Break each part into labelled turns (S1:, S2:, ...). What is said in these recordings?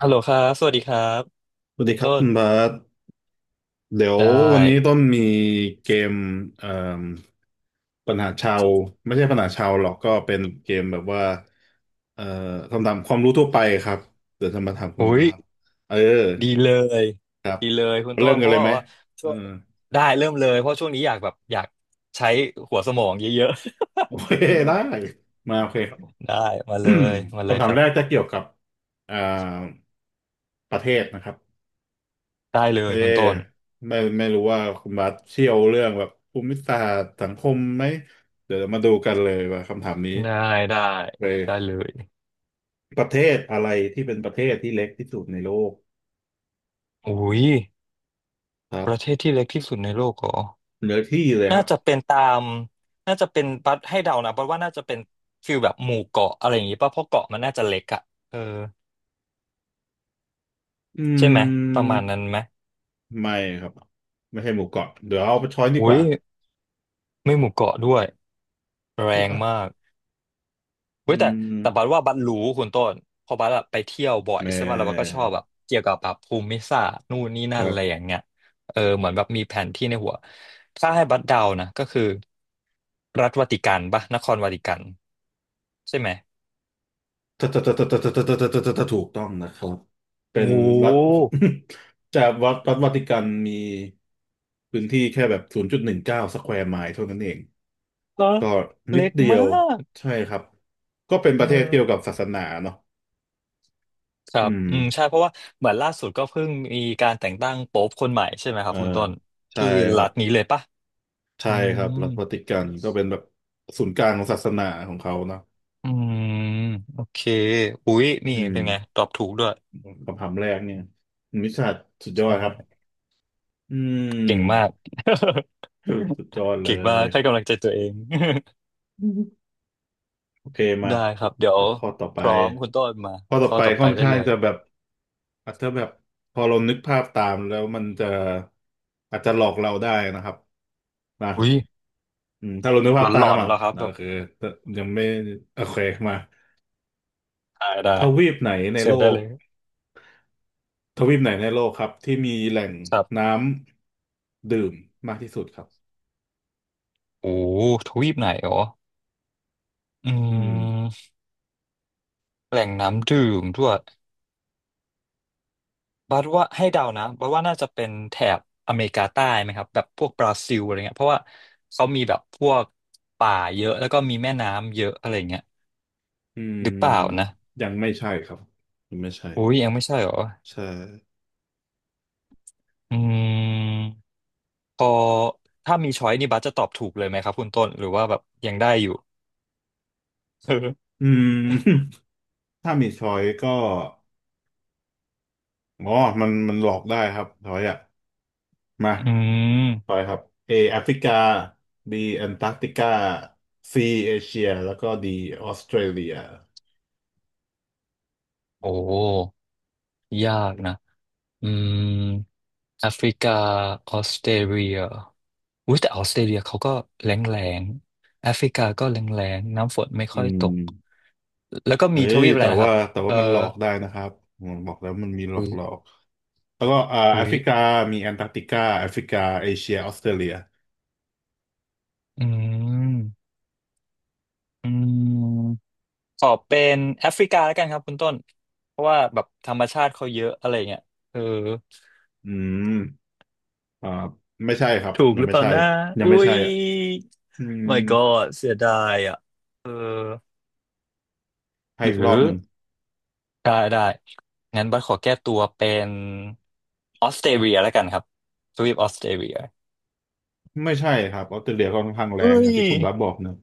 S1: ฮัลโหลครับสวัสดีครับ
S2: สวัส
S1: คุ
S2: ดี
S1: ณ
S2: ครับ
S1: ต้
S2: คุณบา
S1: น
S2: สเดี๋ยว
S1: ได
S2: วันนี้
S1: ้
S2: ต้นมีเกมเอ่มปัญหาชาวไม่ใช่ปัญหาชาวหรอกก็เป็นเกมแบบว่าเอ่อคำถามความรู้ทั่วไปครับเดี๋ยวจะมาถามคุณ
S1: อุ้ย
S2: บาสเออ
S1: ดีเลย
S2: ครับ
S1: ดีเลยคุณ
S2: มา
S1: ต้
S2: เริ่
S1: น
S2: ม
S1: เพ
S2: กันเล
S1: ราะ
S2: ย
S1: ว่าแบ
S2: ไหม
S1: บว่า
S2: เอ
S1: ช่
S2: อ
S1: วงได้เริ่มเลยเพราะช่วงนี้อยากแบบอยากใช้หัวสมองเยอะ
S2: โอเคได้มาโอเค ครั
S1: ๆ
S2: บ
S1: ได้มาเลยมา เลย
S2: คำถา
S1: ค
S2: ม
S1: รั
S2: แรก
S1: บ
S2: จะเกี่ยวกับอ่าประเทศนะครับ
S1: ได้
S2: โอ
S1: เล
S2: เค
S1: ยคุณต้น
S2: ไม่รู้ว่าคุณบัสเชี่ยวเรื่องแบบภูมิศาสตร์สังคมไหมเดี๋ยวมาดูกันเลยว่าคำถามนี้
S1: ได้ได้
S2: ไป
S1: ได้เลย
S2: ประเทศอะไรที่เป็นประเทศที่เล็กที่สุดในโลก
S1: อุ้ย
S2: ครั
S1: ประเท
S2: บ
S1: ศที่เล็กที่สุดในโลกเหรอ
S2: เนื้อที่เลยค
S1: น่า
S2: รับ
S1: จะเป็นตามน่าจะเป็นบัดให้เดานะบัดว่าน่าจะเป็นฟิลแบบหมู่เกาะอะไรอย่างงี้ป่ะเพราะเกาะมันน่าจะเล็กอะเออ
S2: อื
S1: ใช่ไหมประ
S2: ม
S1: มาณนั้นไหม
S2: ไม่ครับไม่ใช่หมู่เกาะเดี๋ยวเอาไปช้อยดีก
S1: อุ้ย
S2: ว่า
S1: ไม่หมู่เกาะด้วยแร
S2: เฮ้ย
S1: ง
S2: อ่ะ
S1: มาก
S2: อื
S1: เว้ยแต่บัด
S2: ม
S1: ว่าบัดรู้คุณต้นเพอบัดอะไปเที่ยวบ่อย
S2: แม่
S1: ใช่ป่ะแล้วบัดก็ชอบแบบเกี่ยวกับแบบภูมิศาสตร์นู่นนี่นั่
S2: ค
S1: น
S2: รั
S1: อะไรอย่า
S2: บ
S1: งเงี้ยเออเหมือนแบบมีแผนที่ในหัวถ้าให้บัดเดานะก็คือรัฐวาติกันป่ะนครวาติกันใช่ไหม
S2: ถูกต้องนะครับเป็
S1: โอ้
S2: น
S1: โ
S2: รั
S1: ห
S2: ฐ จากวัดรัฐวาติกันมีพื้นที่แค่แบบ0.19สแควร์ไมล์เท่านั้นเอง
S1: เหรอ
S2: ก็นิด
S1: เล็ก
S2: เดีย
S1: มา
S2: ว
S1: ก
S2: ใช่ครับก็เป็นป
S1: เอ
S2: ระเทศเกี่ยวกับ
S1: อ
S2: ศาสนาเนาะ
S1: ครั
S2: อื
S1: บอืม
S2: ม
S1: ใช่เพราะว่าเหมือนล่าสุดก็เพิ่งมีการแต่งตั้งโป๊ปคนใหม่ใช่ไหมค
S2: เอ
S1: รั
S2: อ
S1: บคุณต้น
S2: ใช่
S1: ที่
S2: ค
S1: รั
S2: รับ
S1: ฐนี้เลยปะ
S2: ใช่
S1: อื
S2: ค
S1: ม
S2: รับรัฐวาติกันก็เป็นแบบศูนย์กลางของศาสนาของเขาเนาะ
S1: อืมโอเคอุ๊ยนี่
S2: อืม
S1: เป็นไงตอบถูกด้วย
S2: คำถามแรกเนี่ยมิชาสุดยอดครับ
S1: ใช่
S2: อื
S1: เก่งมา
S2: ม
S1: ก
S2: สุดยอดเล
S1: เก่งมา
S2: ย
S1: กให้กำลังใจตัวเอง
S2: โอเค มา
S1: ได้ครับเดี๋ยว
S2: แล้วข้อต่อไป
S1: พร้อมคุณต้นมา
S2: ข้อต่อ
S1: ข้อ
S2: ไป
S1: ต่อไป
S2: ค่อน
S1: ได้
S2: ข้าง
S1: เลย
S2: จะแบบอาจจะแบบพอเรานึกภาพตามแล้วมันจะอาจจะหลอกเราได้นะครับนะ
S1: อุ๊ย
S2: อืมถ้าเรานึกภาพตา
S1: หล
S2: ม
S1: อนๆ
S2: อ่ะ
S1: เหรอครับ
S2: นะ
S1: แบบ
S2: คือยังไม่โอเคมา
S1: ได้
S2: ทวีปไหนใน
S1: เสิ
S2: โล
S1: ร์ชได้
S2: ก
S1: เลย
S2: ทวีปไหนในโลกครับที่มีแหล่ง
S1: ครั
S2: น้
S1: บ
S2: ำดื่มมากที่สุดครับ
S1: โอ้ทวีปไหนอ๋ออื
S2: อืม
S1: มแหล่งน้ำดื่มด้วย บัดว่าให้เดานะบัดว่าน่าจะเป็นแถบอเมริกาใต้ไหมครับแบบพวกบราซิลอะไรเงี้ยเพราะว่าเขามีแบบพวกป่าเยอะแล้วก็มีแม่น้ำเยอะอะไรเงี้ย
S2: อืม
S1: หรือเปล่านะ
S2: ยังไม่ใช่ครับยังไม่ใช่
S1: อุ้ยยังไม่ใช่เหรอ
S2: ใช่
S1: อืมพอถ้ามีช้อยนี่บัสจะตอบถูกเลยไหมครับคุณต้นหรือว่าแบบยังได้อยู่
S2: อืม ถ้ามีช้อยก็ อ๋อมันหลอกได้ครับทอยอ่ะมา
S1: อืม
S2: ทอยครับ A แอฟริกา B แอนตาร์กติกา C เอเชียแล้วก็ D ออสเตรเลีย
S1: โอ้ยากนะ อืมแอฟริกาออสเตรเลียอุ้ยแต่ออสเตรเลียเขาก็แล้งแล้งแอฟริกาก็แล้งแล้งน้ำฝนไม่
S2: อื
S1: ค่อย
S2: ม
S1: ตกแล้วก็
S2: เฮ้
S1: มีท
S2: ย
S1: วีปอะ
S2: แต่
S1: ไรนะครั
S2: ว่า
S1: บ
S2: แต่
S1: เอ
S2: ว่า
S1: อ
S2: มันหลอกได้นะครับผมบอกแล้วมันมีหลอก
S1: อุ้ย
S2: หลอกแล้วก็แอ
S1: อุ้
S2: ฟ
S1: ย
S2: ริกามีแอนตาร์กติกาแอฟริกาเอเชียออสเตรเลีย
S1: อืมอืมขอเป็นแอฟริกาแล้วกันครับคุณต้นเพราะว่าแบบธรรมชาติเขาเยอะอะไรเงี้ยเออ
S2: อืมอ่าไม่ใช่ครับ
S1: ถูก
S2: ยั
S1: ห
S2: ง
S1: รือ
S2: ไม่
S1: เปล่า
S2: ใช่
S1: นะ
S2: ยัง
S1: อุ้
S2: ไม่ใช่
S1: ย
S2: อ่ะอืม
S1: my god เสียดายอ่ะเออ
S2: ให้
S1: ห
S2: อีก
S1: รื
S2: รอ
S1: อ
S2: บหนึ่ง
S1: ได้ งั้นบัสขอแก้ตัวเป็นออสเตรเลียแล้วกันครับทวีปออสเตรเลีย
S2: ไม่ใช่ครับออสเตรเลียก็ค่อนข้างแร
S1: เอ้
S2: งอย่า
S1: ย
S2: งที่คุณบับบอกเนอะ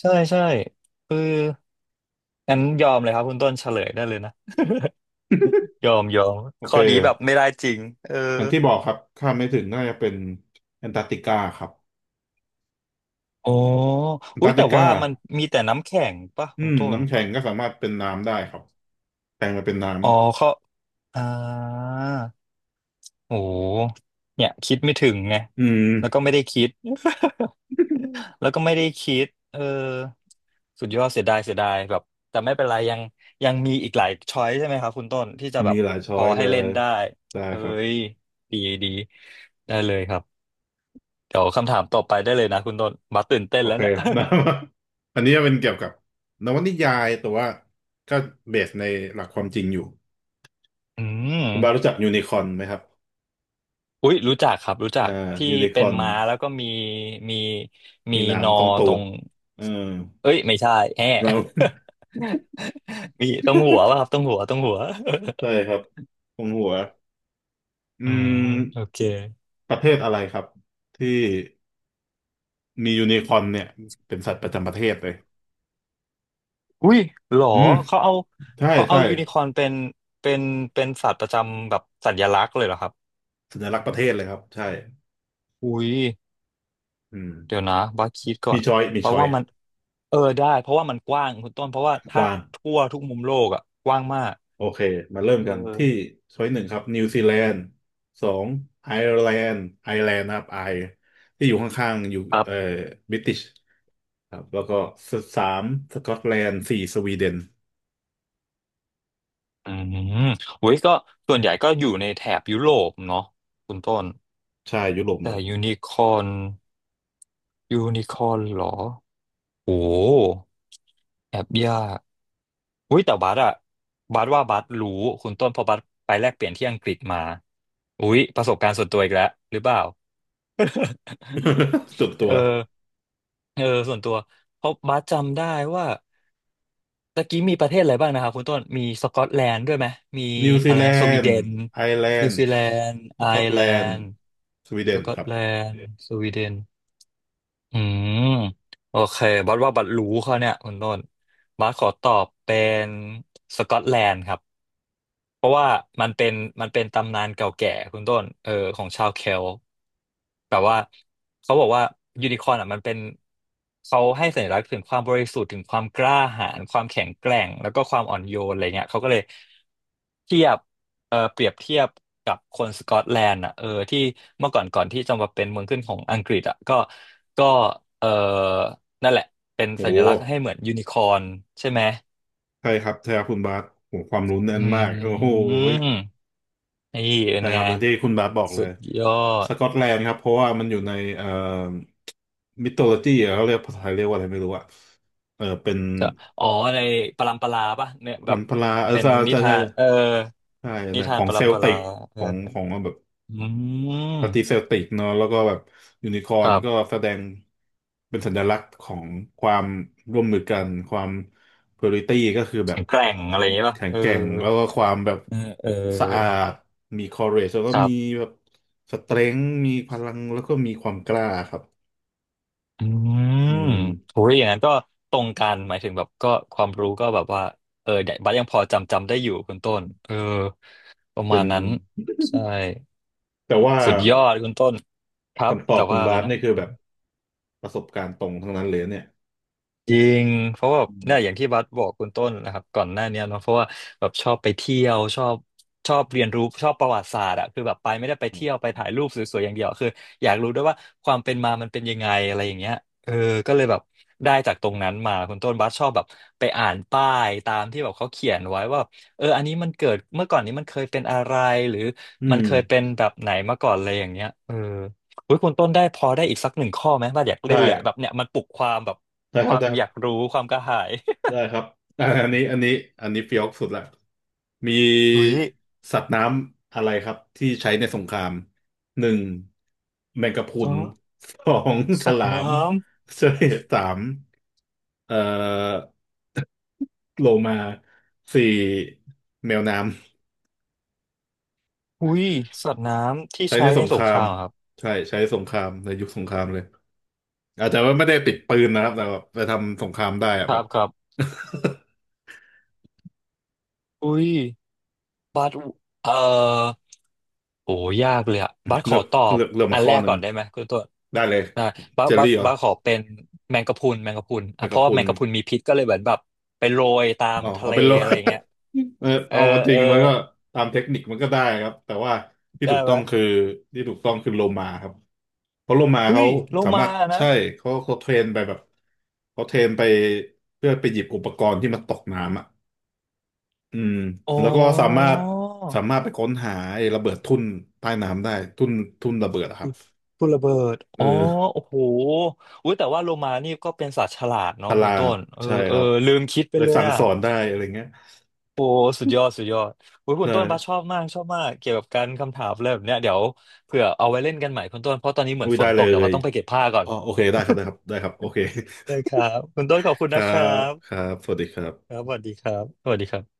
S1: ใช่ใช่เอองั้นยอมเลยครับคุณต้นเฉลยได้เลยนะยอมยอม
S2: โอ
S1: ข้
S2: เค
S1: อนี้แบบไม่ได้จริงเออ
S2: อันที่บอกครับข้ามไม่ถึงน่าจะเป็นแอนตาร์กติกาครับ
S1: อ๋อ
S2: แอน
S1: อุ้
S2: ตา
S1: ย
S2: ร์ก
S1: แต่
S2: ติกา
S1: ว่ามันมีแต่น้ำแข็งป่ะ
S2: อื
S1: คุณ
S2: ม
S1: ต้น
S2: น้ำแข็งก็สามารถเป็นน้ำได้ครับแปลงมาเป็นน้
S1: อ๋อเขา
S2: ำ
S1: อ่า โอ้โหเนี่ยคิดไม่ถึงไง
S2: อืม
S1: แล้วก็ไม่ได้คิด แล้วก็ไม่ได้คิดเออสุดยอดเสียดายเสียดายแบบ แต่ไม่เป็นไรยังยังมีอีกหลายช้อยใช่ไหมครับคุณต้นที่จะแบ
S2: มี
S1: บ
S2: หลาย
S1: พ
S2: ช้อ
S1: อ
S2: ยเล
S1: ให้เล่
S2: ย
S1: นได้
S2: ได้
S1: เอ้
S2: ครับ
S1: ยดีดีได้เลยครับเดี๋ยวคำถามต่อไปได้เลยนะคุณต้นมาตื่นเต้น
S2: โอ
S1: แล้ว
S2: เค
S1: เนี่ย
S2: นะ อันนี้จะเป็นเกี่ยวกับนวนิยายแต่ว่าก็เบสในหลักความจริงอยู่
S1: อืม
S2: คุณบารู้จักยูนิคอ n ไหมครับ
S1: อุ๊ยรู้จักครับรู้จั
S2: อ่า
S1: กที่
S2: ยูนิค
S1: เป็
S2: อ
S1: น
S2: n
S1: ม้าแล้วก็มีมี
S2: มี
S1: นอ
S2: น้ำตรงตู
S1: ตร
S2: ด
S1: ง
S2: เออ
S1: เอ้ยไม่ใช่แฮะ
S2: เรา
S1: มีตรงหัวป่ะครับตรงหัวตรงหัว
S2: ใช่ครับ ตรงหัวอื
S1: อืม
S2: ม
S1: โอเค
S2: ประเทศอะไรครับ ที่ มียูนิคอร์นเนี่ยเป็นสัตว์ประจำประเทศเลย
S1: อุ้ยหรอ
S2: อืม
S1: เขาเอา
S2: ใช่
S1: เขาเอา
S2: ใช่
S1: ยูนิคอร์นเป็นเป็นสัตว์ประจำแบบสัญลักษณ์เลยเหรอครับ
S2: สัญลักษณ์ประเทศเลยครับใช่
S1: อุ้ย
S2: อืม
S1: เดี๋ยวนะบัสคิดก่อ
S2: มี
S1: น
S2: ช้อยมี
S1: เพราะ
S2: ช้อย
S1: ว่า
S2: อ่ะ
S1: มันเออได้เพราะว่ามันกว้างคุณต้นเพราะว่า
S2: ก
S1: ถ้า
S2: ว้าง
S1: ทั่วทุกมุมโลกอ่ะกว้างมาก
S2: โอเคมาเริ่ม
S1: เอ
S2: กันที่
S1: อ
S2: ช้อยหนึ่งครับนิวซีแลนด์สองไอร์แลนด์ไอร์แลนด์นะครับไอที่อยู่ข้างๆอยู่
S1: ครับ
S2: บริติชครับแล้วก็สามสกอตแลนด์สี่สวีเดน
S1: อืมอุ้ยก็ส่วนใหญ่ก็อยู่ในแถบยุโรปเนาะคุณต้น
S2: ใช่ยุโรปหมด
S1: แต่
S2: เลย
S1: ยูนิคอร์นยูนิคอร์นเหรอ โอ้แอบยากอุ้ยแต่บัสอะบัสว่าบัสรู้คุณต้นเพอบัสไปแลกเปลี่ยนที่อังกฤษมาอุ้ยประสบการณ์ส่วนตัวอีกแล้วหรือเปล่า
S2: สุดตัว
S1: เออเออส่วนตัวเพราะบัสจำได้ว่าตะกี้มีประเทศอะไรบ้างนะครับคุณต้นมีสกอตแลนด์ด้วยไหมมี
S2: นิวซี
S1: อะไร
S2: แล
S1: นะสวี
S2: น
S1: เด
S2: ด์
S1: น
S2: ไอร์แล
S1: นิ
S2: น
S1: ว
S2: ด์
S1: ซีแลนด์
S2: ส
S1: ไอ
S2: กอต
S1: ร์
S2: แล
S1: แล
S2: นด์
S1: นด์
S2: สวีเด
S1: ส
S2: น
S1: กอ
S2: ค
S1: ต
S2: รั
S1: แล
S2: บ
S1: นด์สวีเดน อืมโอเคบัสว่าบัสรู้เขาเนี่ยคุณต้นบัสขอตอบเป็นสกอตแลนด์ครับ เพราะว่ามันเป็นมันเป็นตำนานเก่าแก่คุณต้นเออของชาวเคลต์แบบว่าเขาบอกว่ายูนิคอร์นอ่ะมันเป็นเขาให้สัญลักษณ์ถึงความบริสุทธิ์ถึงความกล้าหาญความแข็งแกร่งแล้วก็ความอ่อนโยนอะไรเงี้ยเขาก็เลยเทียบเออเปรียบเทียบกับคนสกอตแลนด์อ่ะเออที่เมื่อก่อนก่อนที่จะมาเป็นเมืองขึ้นของอังกฤษอ่ะก็ก็เออนั่นแหละเป็น
S2: โอ
S1: สัญ
S2: ว
S1: ลักษณ์ให้เหมือนยูนิคอร์นใช่ไหม
S2: ใช่ครับ ใช่ครับคุณบาสโหความรู้แน่
S1: อ
S2: นมาก โอ้
S1: ื
S2: โห
S1: มนี่เป็
S2: ใช่
S1: นไง
S2: ครับอย่างที่คุณบาสบอกเล
S1: สุ
S2: ย
S1: ดยอ
S2: ส
S1: ด
S2: กอตแลนด์ครับเพราะว่ามันอยู่ในมิโทโลจีเขาเรียกภาษาไทยเรียกว่าอะไรไม่รู้อะเออเป็น
S1: จะอ๋อในปรัมปราป่ะเนี่ยแบ
S2: ลั
S1: บ
S2: มพลาเออ
S1: เป็น
S2: ใช่
S1: นิ
S2: ใช่
S1: ทา
S2: ใช่
S1: น
S2: ใช่ใช่ใน
S1: นิ
S2: ข
S1: ทาน
S2: อง
S1: ป
S2: เซ
S1: รัม
S2: ล
S1: ป
S2: ติ
S1: รา
S2: กข
S1: เอ
S2: องข
S1: อ
S2: องแบบ
S1: อืม
S2: ปฏิเซลติกเนอะแล้วก็แบบยูนิคอ
S1: ค
S2: ร์น
S1: รั
S2: ก็
S1: บ
S2: แสดงเป็นสัญลักษณ์ของความร่วมมือกันความpurity ก็คือแบบ
S1: แข็งแกร่งอะไรอย่างเงี้ยป่ะ
S2: แข็ง
S1: เออ
S2: แกร่งแล้วก็ความแบบ
S1: เออเออ
S2: สะอาดมี courage แล้วก็
S1: ครั
S2: มี
S1: บ
S2: แบบสเตรงมีพลังแล้วก็มีความกล้าครับ
S1: อื
S2: อื
S1: ม
S2: ม
S1: โหอย่างนั้นก็ตรงกันหมายถึงแบบก็ความรู้ก็แบบว่าเดี๋ยวบัดยังพอจำได้อยู่คุณต้นเออประ
S2: เป็
S1: มา
S2: น
S1: ณนั้นใช่
S2: แต่ว่า
S1: สุดยอดคุณต้นครับ
S2: คำตอ
S1: แต่
S2: บคุ
S1: ว่า
S2: ณ
S1: อะ
S2: บา
S1: ไร
S2: ส
S1: นะ
S2: นี่คือแบบประสบการณ์ตรงทั้งนั้นเลยเนี่ย
S1: จริงเพราะว่าแบบ
S2: อื
S1: เนี่ยอย่า
S2: ม
S1: งที่บัสบอกคุณต้นนะครับก่อนหน้าเนี้ยเนาะเพราะว่าแบบชอบไปเที่ยวชอบเรียนรู้ชอบประวัติศาสตร์อะคือแบบไปไม่ได้ไปเที่ยวไปถ่ายรูปสวยๆอย่างเดียวคืออยากรู้ด้วยว่าความเป็นมามันเป็นยังไงอะไรอย่างเงี้ยเออก็เลยแบบได้จากตรงนั้นมาคุณต้นบัสชอบแบบไปอ่านป้ายตามที่แบบเขาเขียนไว้ว่าเอออันนี้มันเกิดเมื่อก่อนนี้มันเคยเป็นอะไรหรือ
S2: อื
S1: มัน
S2: ม
S1: เคยเป็นแบบไหนมาก่อนอะไรอย่างเงี้ยเออ เฮ้ยคุณต้นได้พอได้อีกสักหนึ่งข้อไหมว่าอยากเล่น
S2: ได้
S1: เลยอะแบบเนี้ยมันปลุกความแบบ
S2: ได้
S1: ค
S2: ครั
S1: วา
S2: บ
S1: ม
S2: ได้
S1: อยากรู้ความกระหาย
S2: ได้ ครับอ่ะอันนี้เฟี้ยวสุดละ มี
S1: เฮ้ย
S2: สัตว์น้ำอะไรครับที่ใช้ในสงครามหนึ่งแมงกะพรุ
S1: อ๋อ
S2: นสองฉ
S1: สัต
S2: ลา
S1: ว์น้
S2: มเสสามเอ่อโลมาสี่แมวน้
S1: ำอุ้ยสัตว์น้ำ
S2: ำ
S1: ที่
S2: ใช้ใน
S1: ใช้
S2: ส
S1: ใน
S2: งค
S1: สง
S2: รา
S1: ค
S2: ม
S1: รามครับ
S2: ใช่ใช้สงครามในยุคสงครามเลยอาจจะว่าไม่ได้ติดปืนนะครับแต่แบบไปทำสงครามได้อะ
S1: ค
S2: แบ
S1: รั
S2: บ
S1: บครับอุ้ยบัสเอ่อโอ้ยากเลยอะบัส ข
S2: เลื
S1: อ
S2: อก
S1: ตอบ
S2: เลือก
S1: อั
S2: มา
S1: น
S2: ข้
S1: แร
S2: อ
S1: ก
S2: หนึ่
S1: ก่
S2: ง
S1: อนได้ไหมคุณต้น
S2: ได้เลย
S1: ได้
S2: เจอรี่เหรอ
S1: บัสขอเป็นแมงกะพรุนแมงกะพรุน
S2: ไป
S1: อ่ะเพ
S2: กับ
S1: ราะว่า
S2: คุ
S1: แม
S2: ณ
S1: งกะพรุนมีพิษก็เลยเหมือนแบบไปโรยตาม
S2: อ๋อ
S1: ทะ
S2: เอา
S1: เล
S2: เป็นโล
S1: อะไรอย่างเงี้ย
S2: เออ
S1: เออ
S2: เอาจ
S1: เอ
S2: ริ
S1: อ
S2: งมันก็ตามเทคนิคมันก็ได้ครับแต่ว่าที่
S1: ได้
S2: ถูก
S1: ไห
S2: ต้
S1: ม
S2: องคือที่ถูกต้องคือโลมาครับเพราะโลมา
S1: เฮ้
S2: เขา
S1: ยโล
S2: สามา
S1: มา
S2: รถ
S1: นะ
S2: ใช่เขาเทรนไปแบบเขาเทรนไปเพื่อไปหยิบอุปกรณ์ที่มันตกน้ำอ่ะอืม
S1: อ๋
S2: แล้วก็สามา
S1: อ
S2: รถสามารถไปค้นหาไอ้ระเบิดทุ่นใต้น้ำได้ทุ่นทุ่นระเบิดอะครั
S1: คื
S2: บ
S1: อุลระเบิด
S2: เอ
S1: อ๋อ
S2: อ
S1: โอ้โหอุ้ยแต่ว่าโลมานี่ก็เป็นสัตว์ฉลาด
S2: ต
S1: เนาะคุ
S2: ลา
S1: ณต้
S2: ด
S1: นเออ
S2: ใช่
S1: เอ
S2: ค
S1: อ
S2: รับ
S1: ลืมคิดไป
S2: เลย
S1: เลย
S2: สั่ง
S1: อ่ะ
S2: สอนได้อะไรเงี้ย
S1: โอ้สุดยอดสุดยอดโอุ้ยคุ
S2: ใช่
S1: ณต้นบ้าสชอบมากชอบมากเกี่ยวกับการคำถามอะไรแบบเนี้ยเดี๋ยวเผื่อเอาไว้เล่นกันใหม่คุณต้นเพราะตอนนี้เหมือ
S2: อุ้
S1: น
S2: ย
S1: ฝ
S2: ได้
S1: นต
S2: เล
S1: กเดี๋ยวว่า
S2: ย
S1: ต้องไปเก็บผ้าก่อน
S2: อ๋อโอเคได้ครับโอเค
S1: ได้ครับคุณต้นขอบคุ ณ
S2: ครั
S1: นะครั
S2: บ
S1: บ
S2: ครับสวัสดีครั
S1: ครั
S2: บ
S1: บสวัสดีครับสวัสดีครับ